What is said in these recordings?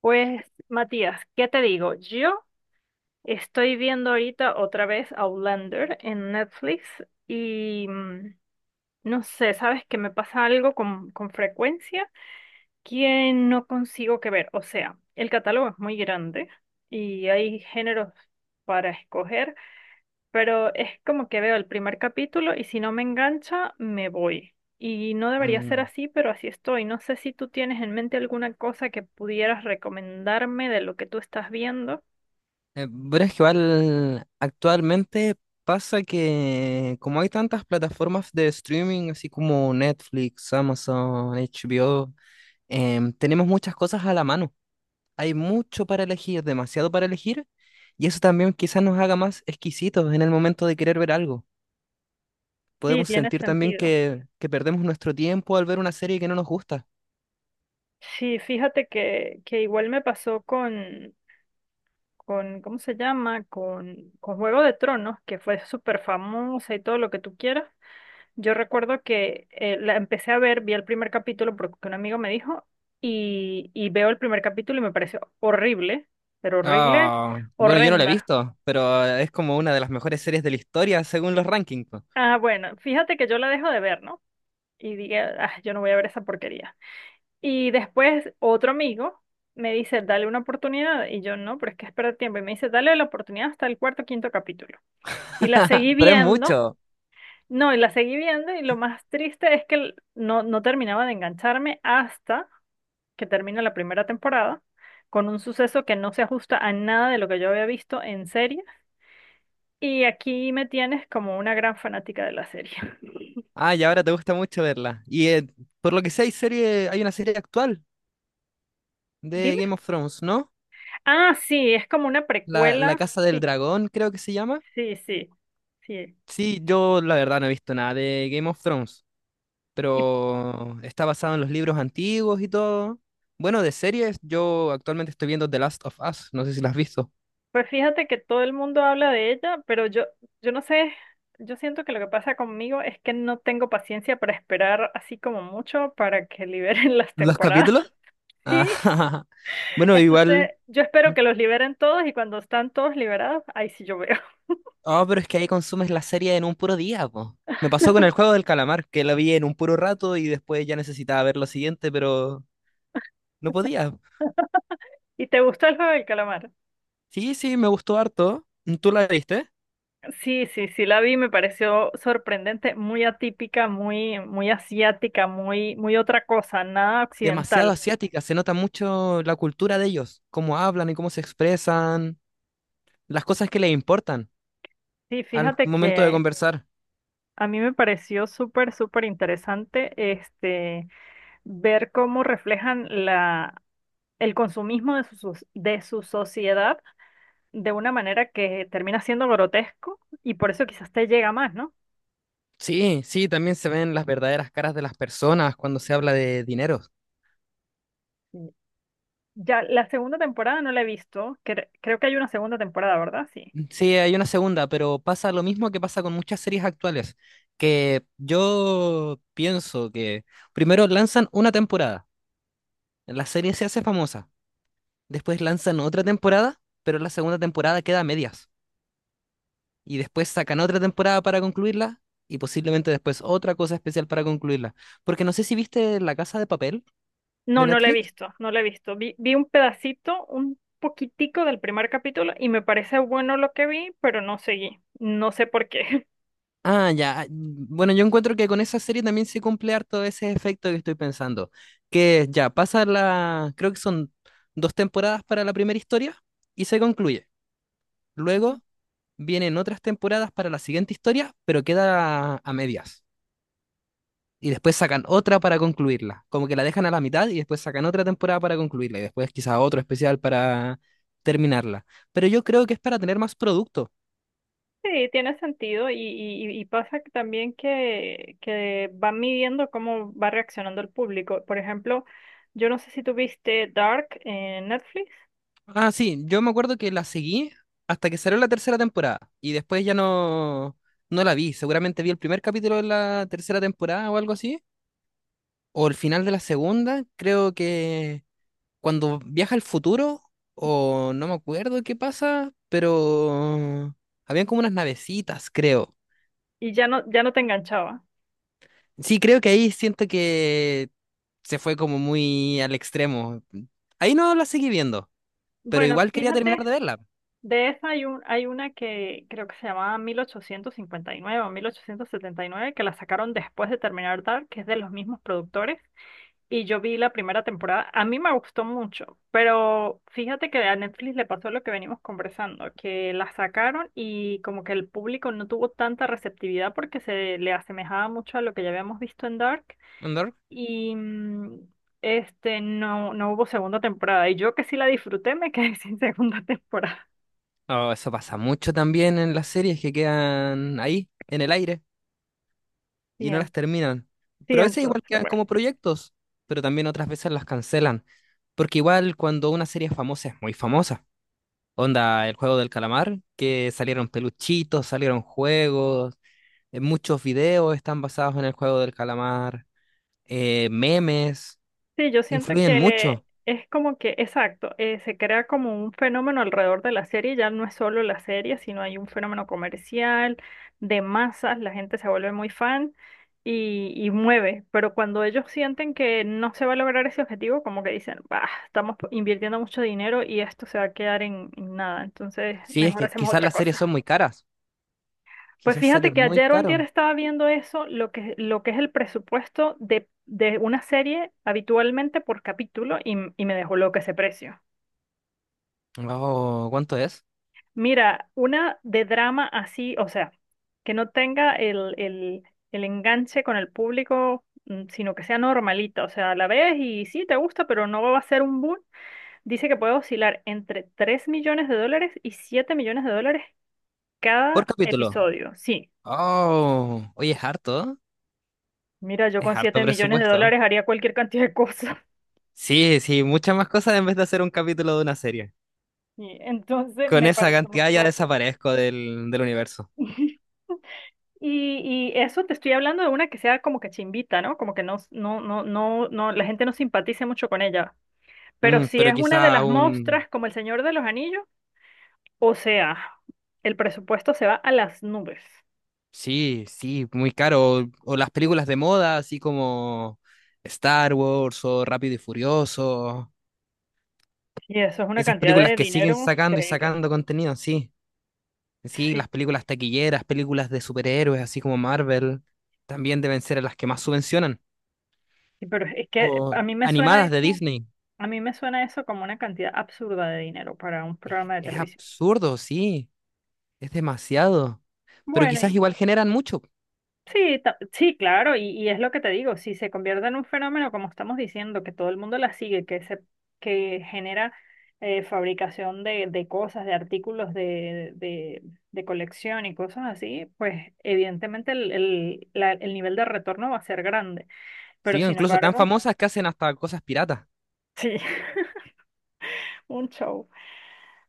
Pues, Matías, ¿qué te digo? Yo estoy viendo ahorita otra vez Outlander en Netflix y no sé. ¿Sabes que me pasa algo con frecuencia que no consigo que ver? O sea, el catálogo es muy grande y hay géneros para escoger, pero es como que veo el primer capítulo y si no me engancha, me voy. Y no debería ser Mm. así, pero así estoy. No sé si tú tienes en mente alguna cosa que pudieras recomendarme de lo que tú estás viendo. Pero es que igual actualmente pasa que como hay tantas plataformas de streaming, así como Netflix, Amazon, HBO, tenemos muchas cosas a la mano. Hay mucho para elegir, demasiado para elegir, y eso también quizás nos haga más exquisitos en el momento de querer ver algo. Sí, Podemos tiene sentir también sentido. que perdemos nuestro tiempo al ver una serie que no nos gusta. Sí, fíjate que igual me pasó ¿cómo se llama? Con Juego de Tronos, que fue súper famosa y todo lo que tú quieras. Yo recuerdo que la empecé a ver, vi el primer capítulo porque un amigo me dijo y veo el primer capítulo y me pareció horrible, pero horrible, Ah, bueno, yo no la he horrenda. visto, pero es como una de las mejores series de la historia según los rankings. Ah, bueno, fíjate que yo la dejo de ver, ¿no? Y dije, ah, yo no voy a ver esa porquería. Y después otro amigo me dice, dale una oportunidad. Y yo, no, pero es que espera tiempo. Y me dice, dale la oportunidad hasta el cuarto o quinto capítulo. Y la seguí Pero es viendo. mucho. No, y la seguí viendo y lo más triste es que no terminaba de engancharme hasta que termina la primera temporada con un suceso que no se ajusta a nada de lo que yo había visto en serie. Y aquí me tienes como una gran fanática de la serie. Ah, y ahora te gusta mucho verla. Y por lo que sé, hay una serie actual de Dime. Game of Thrones, ¿no? Ah, sí, es como una La precuela. Casa del Sí, Dragón, creo que se llama. sí, sí, sí. Sí, yo la verdad no he visto nada de Game of Thrones, Y pero está basado en los libros antiguos y todo. Bueno, de series, yo actualmente estoy viendo The Last of Us, no sé si la has visto. pues fíjate que todo el mundo habla de ella, pero yo no sé, yo siento que lo que pasa conmigo es que no tengo paciencia para esperar así como mucho para que liberen las ¿Los temporadas. capítulos? Sí. Ah, bueno, igual. Entonces, yo espero que los liberen todos y cuando están todos liberados, ahí sí yo veo. Oh, pero es que ahí consumes la serie en un puro día, po. Me pasó con el juego del calamar, que la vi en un puro rato y después ya necesitaba ver lo siguiente, pero no podía. ¿Y te gustó el juego del calamar? Sí, sí, me gustó harto. ¿Tú la viste? Sí, sí, sí, la vi, me pareció sorprendente, muy atípica, muy, muy asiática, muy, muy otra cosa, nada Demasiado occidental. asiática, se nota mucho la cultura de ellos, cómo hablan y cómo se expresan, las cosas que les importan Sí, al fíjate momento de que conversar. a mí me pareció súper, súper interesante este ver cómo reflejan la, el consumismo de de su sociedad de una manera que termina siendo grotesco y por eso quizás te llega más, ¿no? Sí, sí, también se ven las verdaderas caras de las personas cuando se habla de dinero. Ya la segunda temporada no la he visto. Creo que hay una segunda temporada, ¿verdad? Sí. Sí, hay una segunda, pero pasa lo mismo que pasa con muchas series actuales, que yo pienso que primero lanzan una temporada, la serie se hace famosa, después lanzan otra temporada, pero la segunda temporada queda a medias, y después sacan otra temporada para concluirla, y posiblemente después otra cosa especial para concluirla. Porque no sé si viste La Casa de Papel de No, no la he Netflix. visto, no la he visto. Vi un pedacito, un poquitico del primer capítulo y me parece bueno lo que vi, pero no seguí. No sé por qué. Ah, ya. Bueno, yo encuentro que con esa serie también se cumple harto ese efecto que estoy pensando. Que ya pasa la, creo que son dos temporadas para la primera historia y se concluye. Luego vienen otras temporadas para la siguiente historia, pero queda a medias. Y después sacan otra para concluirla. Como que la dejan a la mitad y después sacan otra temporada para concluirla. Y después quizás otro especial para terminarla. Pero yo creo que es para tener más producto. Sí, tiene sentido y pasa que también que van midiendo cómo va reaccionando el público. Por ejemplo, yo no sé si tú viste Dark en Netflix Ah, sí, yo me acuerdo que la seguí hasta que salió la tercera temporada y después ya no, no la vi. Seguramente vi el primer capítulo de la tercera temporada o algo así, o el final de la segunda. Creo que cuando viaja al futuro, o no me acuerdo qué pasa, pero habían como unas navecitas, creo. y ya no, ya no te enganchaba. Sí, creo que ahí siento que se fue como muy al extremo. Ahí no la seguí viendo, pero Bueno, igual quería fíjate. terminar de verla. De esa hay, hay una que creo que se llamaba 1859 o 1879 que la sacaron después de terminar Dark, que es de los mismos productores. Y yo vi la primera temporada. A mí me gustó mucho, pero fíjate que a Netflix le pasó lo que venimos conversando, que la sacaron y como que el público no tuvo tanta receptividad porque se le asemejaba mucho a lo que ya habíamos visto en Dark. ¿No? Y no, no hubo segunda temporada. Y yo que sí la disfruté, me quedé sin segunda temporada. Oh, eso pasa mucho también en las series que quedan ahí, en el aire, y Sí. no las terminan. Sí, Pero a veces entonces, igual quedan bueno. como proyectos, pero también otras veces las cancelan. Porque igual cuando una serie es famosa, es muy famosa. Onda, el juego del calamar, que salieron peluchitos, salieron juegos, muchos videos están basados en el juego del calamar, memes, Sí, yo siento influyen que mucho. es como que, exacto, se crea como un fenómeno alrededor de la serie, ya no es solo la serie, sino hay un fenómeno comercial, de masas, la gente se vuelve muy fan y mueve, pero cuando ellos sienten que no se va a lograr ese objetivo, como que dicen, bah, estamos invirtiendo mucho dinero y esto se va a quedar en nada, entonces Sí, es mejor que hacemos quizás otra las series son cosa. muy caras, Pues quizás sale fíjate que muy ayer o antier caro. estaba viendo eso, lo que es el presupuesto de una serie habitualmente por capítulo y, y me dejó loco ese precio. Oh, ¿cuánto es? Mira, una de drama así, o sea, que no tenga el enganche con el público, mm, sino que sea normalita, o sea, la ves y sí, te gusta, pero no va a ser un boom. Dice que puede oscilar entre $3 millones y $7 millones Por cada capítulo. episodio. Sí. Oh, oye, Mira, yo es con harto 7 millones de presupuesto. dólares haría cualquier cantidad de cosas. Sí, sí, muchas más cosas en vez de hacer un capítulo de una serie. Y entonces Con me esa parece cantidad ya monstruoso. desaparezco del universo. Y, y eso te estoy hablando de una que sea como que chimbita, ¿no? Como que no, no, no, no, no, la gente no simpatice mucho con ella. Pero Mm, si pero es una de quizá las un... monstras como El Señor de los Anillos, o sea, el presupuesto se va a las nubes. Sí, sí, muy caro. O las películas de moda, así como Star Wars o Rápido y Furioso. Y eso es una Esas cantidad películas de que siguen dinero sacando y increíble. sacando contenido, sí. Sí, Sí, las películas taquilleras, películas de superhéroes, así como Marvel, también deben ser las que más subvencionan. sí, pero es O que a mí me suena animadas de eso, Disney. a mí me suena eso como una cantidad absurda de dinero para un programa de Es televisión. absurdo, sí, es demasiado. Pero Bueno, quizás y igual generan mucho, sí, claro, y es lo que te digo, si se convierte en un fenómeno, como estamos diciendo, que todo el mundo la sigue, que se, que genera fabricación de cosas, de artículos de colección y cosas así, pues evidentemente el nivel de retorno va a ser grande, pero sí, o sin incluso tan embargo, famosas que hacen hasta cosas piratas. sí, un show.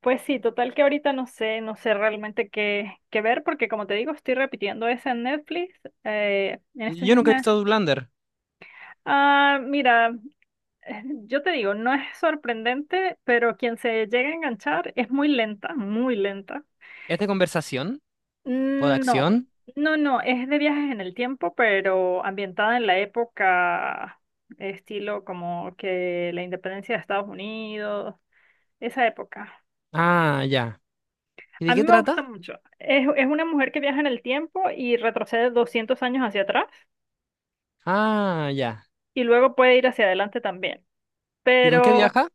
Pues sí, total que ahorita no sé, no sé realmente qué, qué ver, porque como te digo, estoy repitiendo esa en Netflix, en estos Yo días nunca he me... visto Outlander. Ah, mira. Yo te digo, no es sorprendente, pero quien se llega a enganchar es muy lenta, muy lenta. ¿Es de conversación o de Mm, no, acción? no, no, es de viajes en el tiempo, pero ambientada en la época, estilo como que la independencia de Estados Unidos, esa época. Ah, ya. ¿Y de A qué mí me gusta trata? mucho. Es una mujer que viaja en el tiempo y retrocede 200 años hacia atrás Ah, ya. y luego puede ir hacia adelante también, ¿Y con qué pero viaja?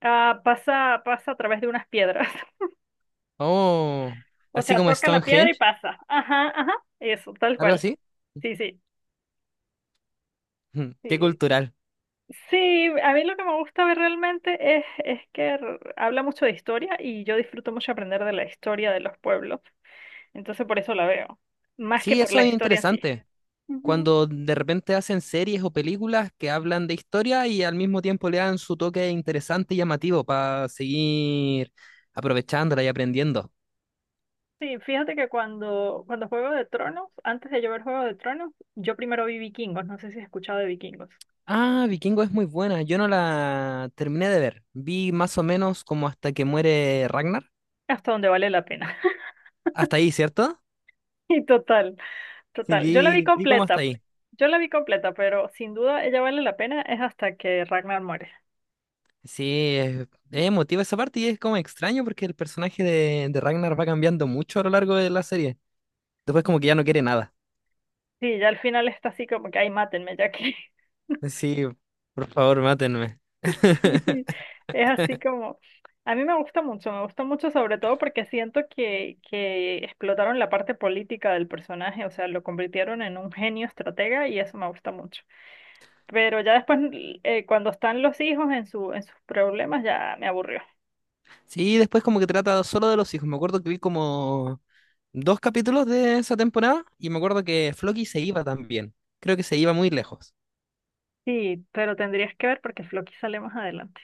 pasa a través de unas piedras. Oh, O así sea, como toca la piedra y Stonehenge, pasa. Ajá, ajá, eso, tal algo cual. así. Sí, sí, Qué sí. cultural. Sí, a mí lo que me gusta ver realmente es que habla mucho de historia y yo disfruto mucho aprender de la historia de los pueblos. Entonces por eso la veo, más que Sí, por eso la es historia en sí. interesante. Ujú. Cuando de repente hacen series o películas que hablan de historia y al mismo tiempo le dan su toque interesante y llamativo para seguir aprovechándola y aprendiendo. Sí, fíjate que cuando Juego de Tronos, antes de yo ver Juego de Tronos, yo primero vi Vikingos, no sé si has escuchado de Vikingos, Ah, Vikingo es muy buena. Yo no la terminé de ver. Vi más o menos como hasta que muere Ragnar. hasta donde vale la pena. Hasta ahí, ¿cierto? Y total. Sí, Total, yo la vi vi como hasta completa, ahí. yo la vi completa, pero sin duda ella vale la pena es hasta que Ragnar muere. Sí, es emotiva esa parte y es como extraño porque el personaje de Ragnar va cambiando mucho a lo largo de la serie. Después como que ya no quiere nada. Sí, ya al final está así como que, ay, mátenme, ya que Sí, por favor, mátenme. sí, es así como, a mí me gusta mucho sobre todo porque siento que explotaron la parte política del personaje, o sea, lo convirtieron en un genio estratega y eso me gusta mucho. Pero ya después, cuando están los hijos en en sus problemas, ya me aburrió. Sí, después como que trata solo de los hijos. Me acuerdo que vi como dos capítulos de esa temporada y me acuerdo que Floki se iba también. Creo que se iba muy lejos. Sí, pero tendrías que ver porque Floki sale más adelante.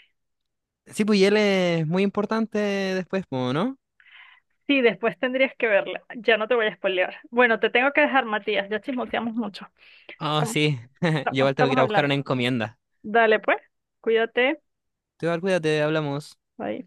Sí, pues y él es muy importante después, po, ¿no? Sí, después tendrías que verla. Ya no te voy a spoilear. Bueno, te tengo que dejar, Matías. Ya chismoteamos mucho. Oh, Estamos, sí. Yo estamos igual tengo que estamos ir a buscar una hablando. encomienda. Dale, pues. Cuídate. Te cuídate, hablamos. Bye.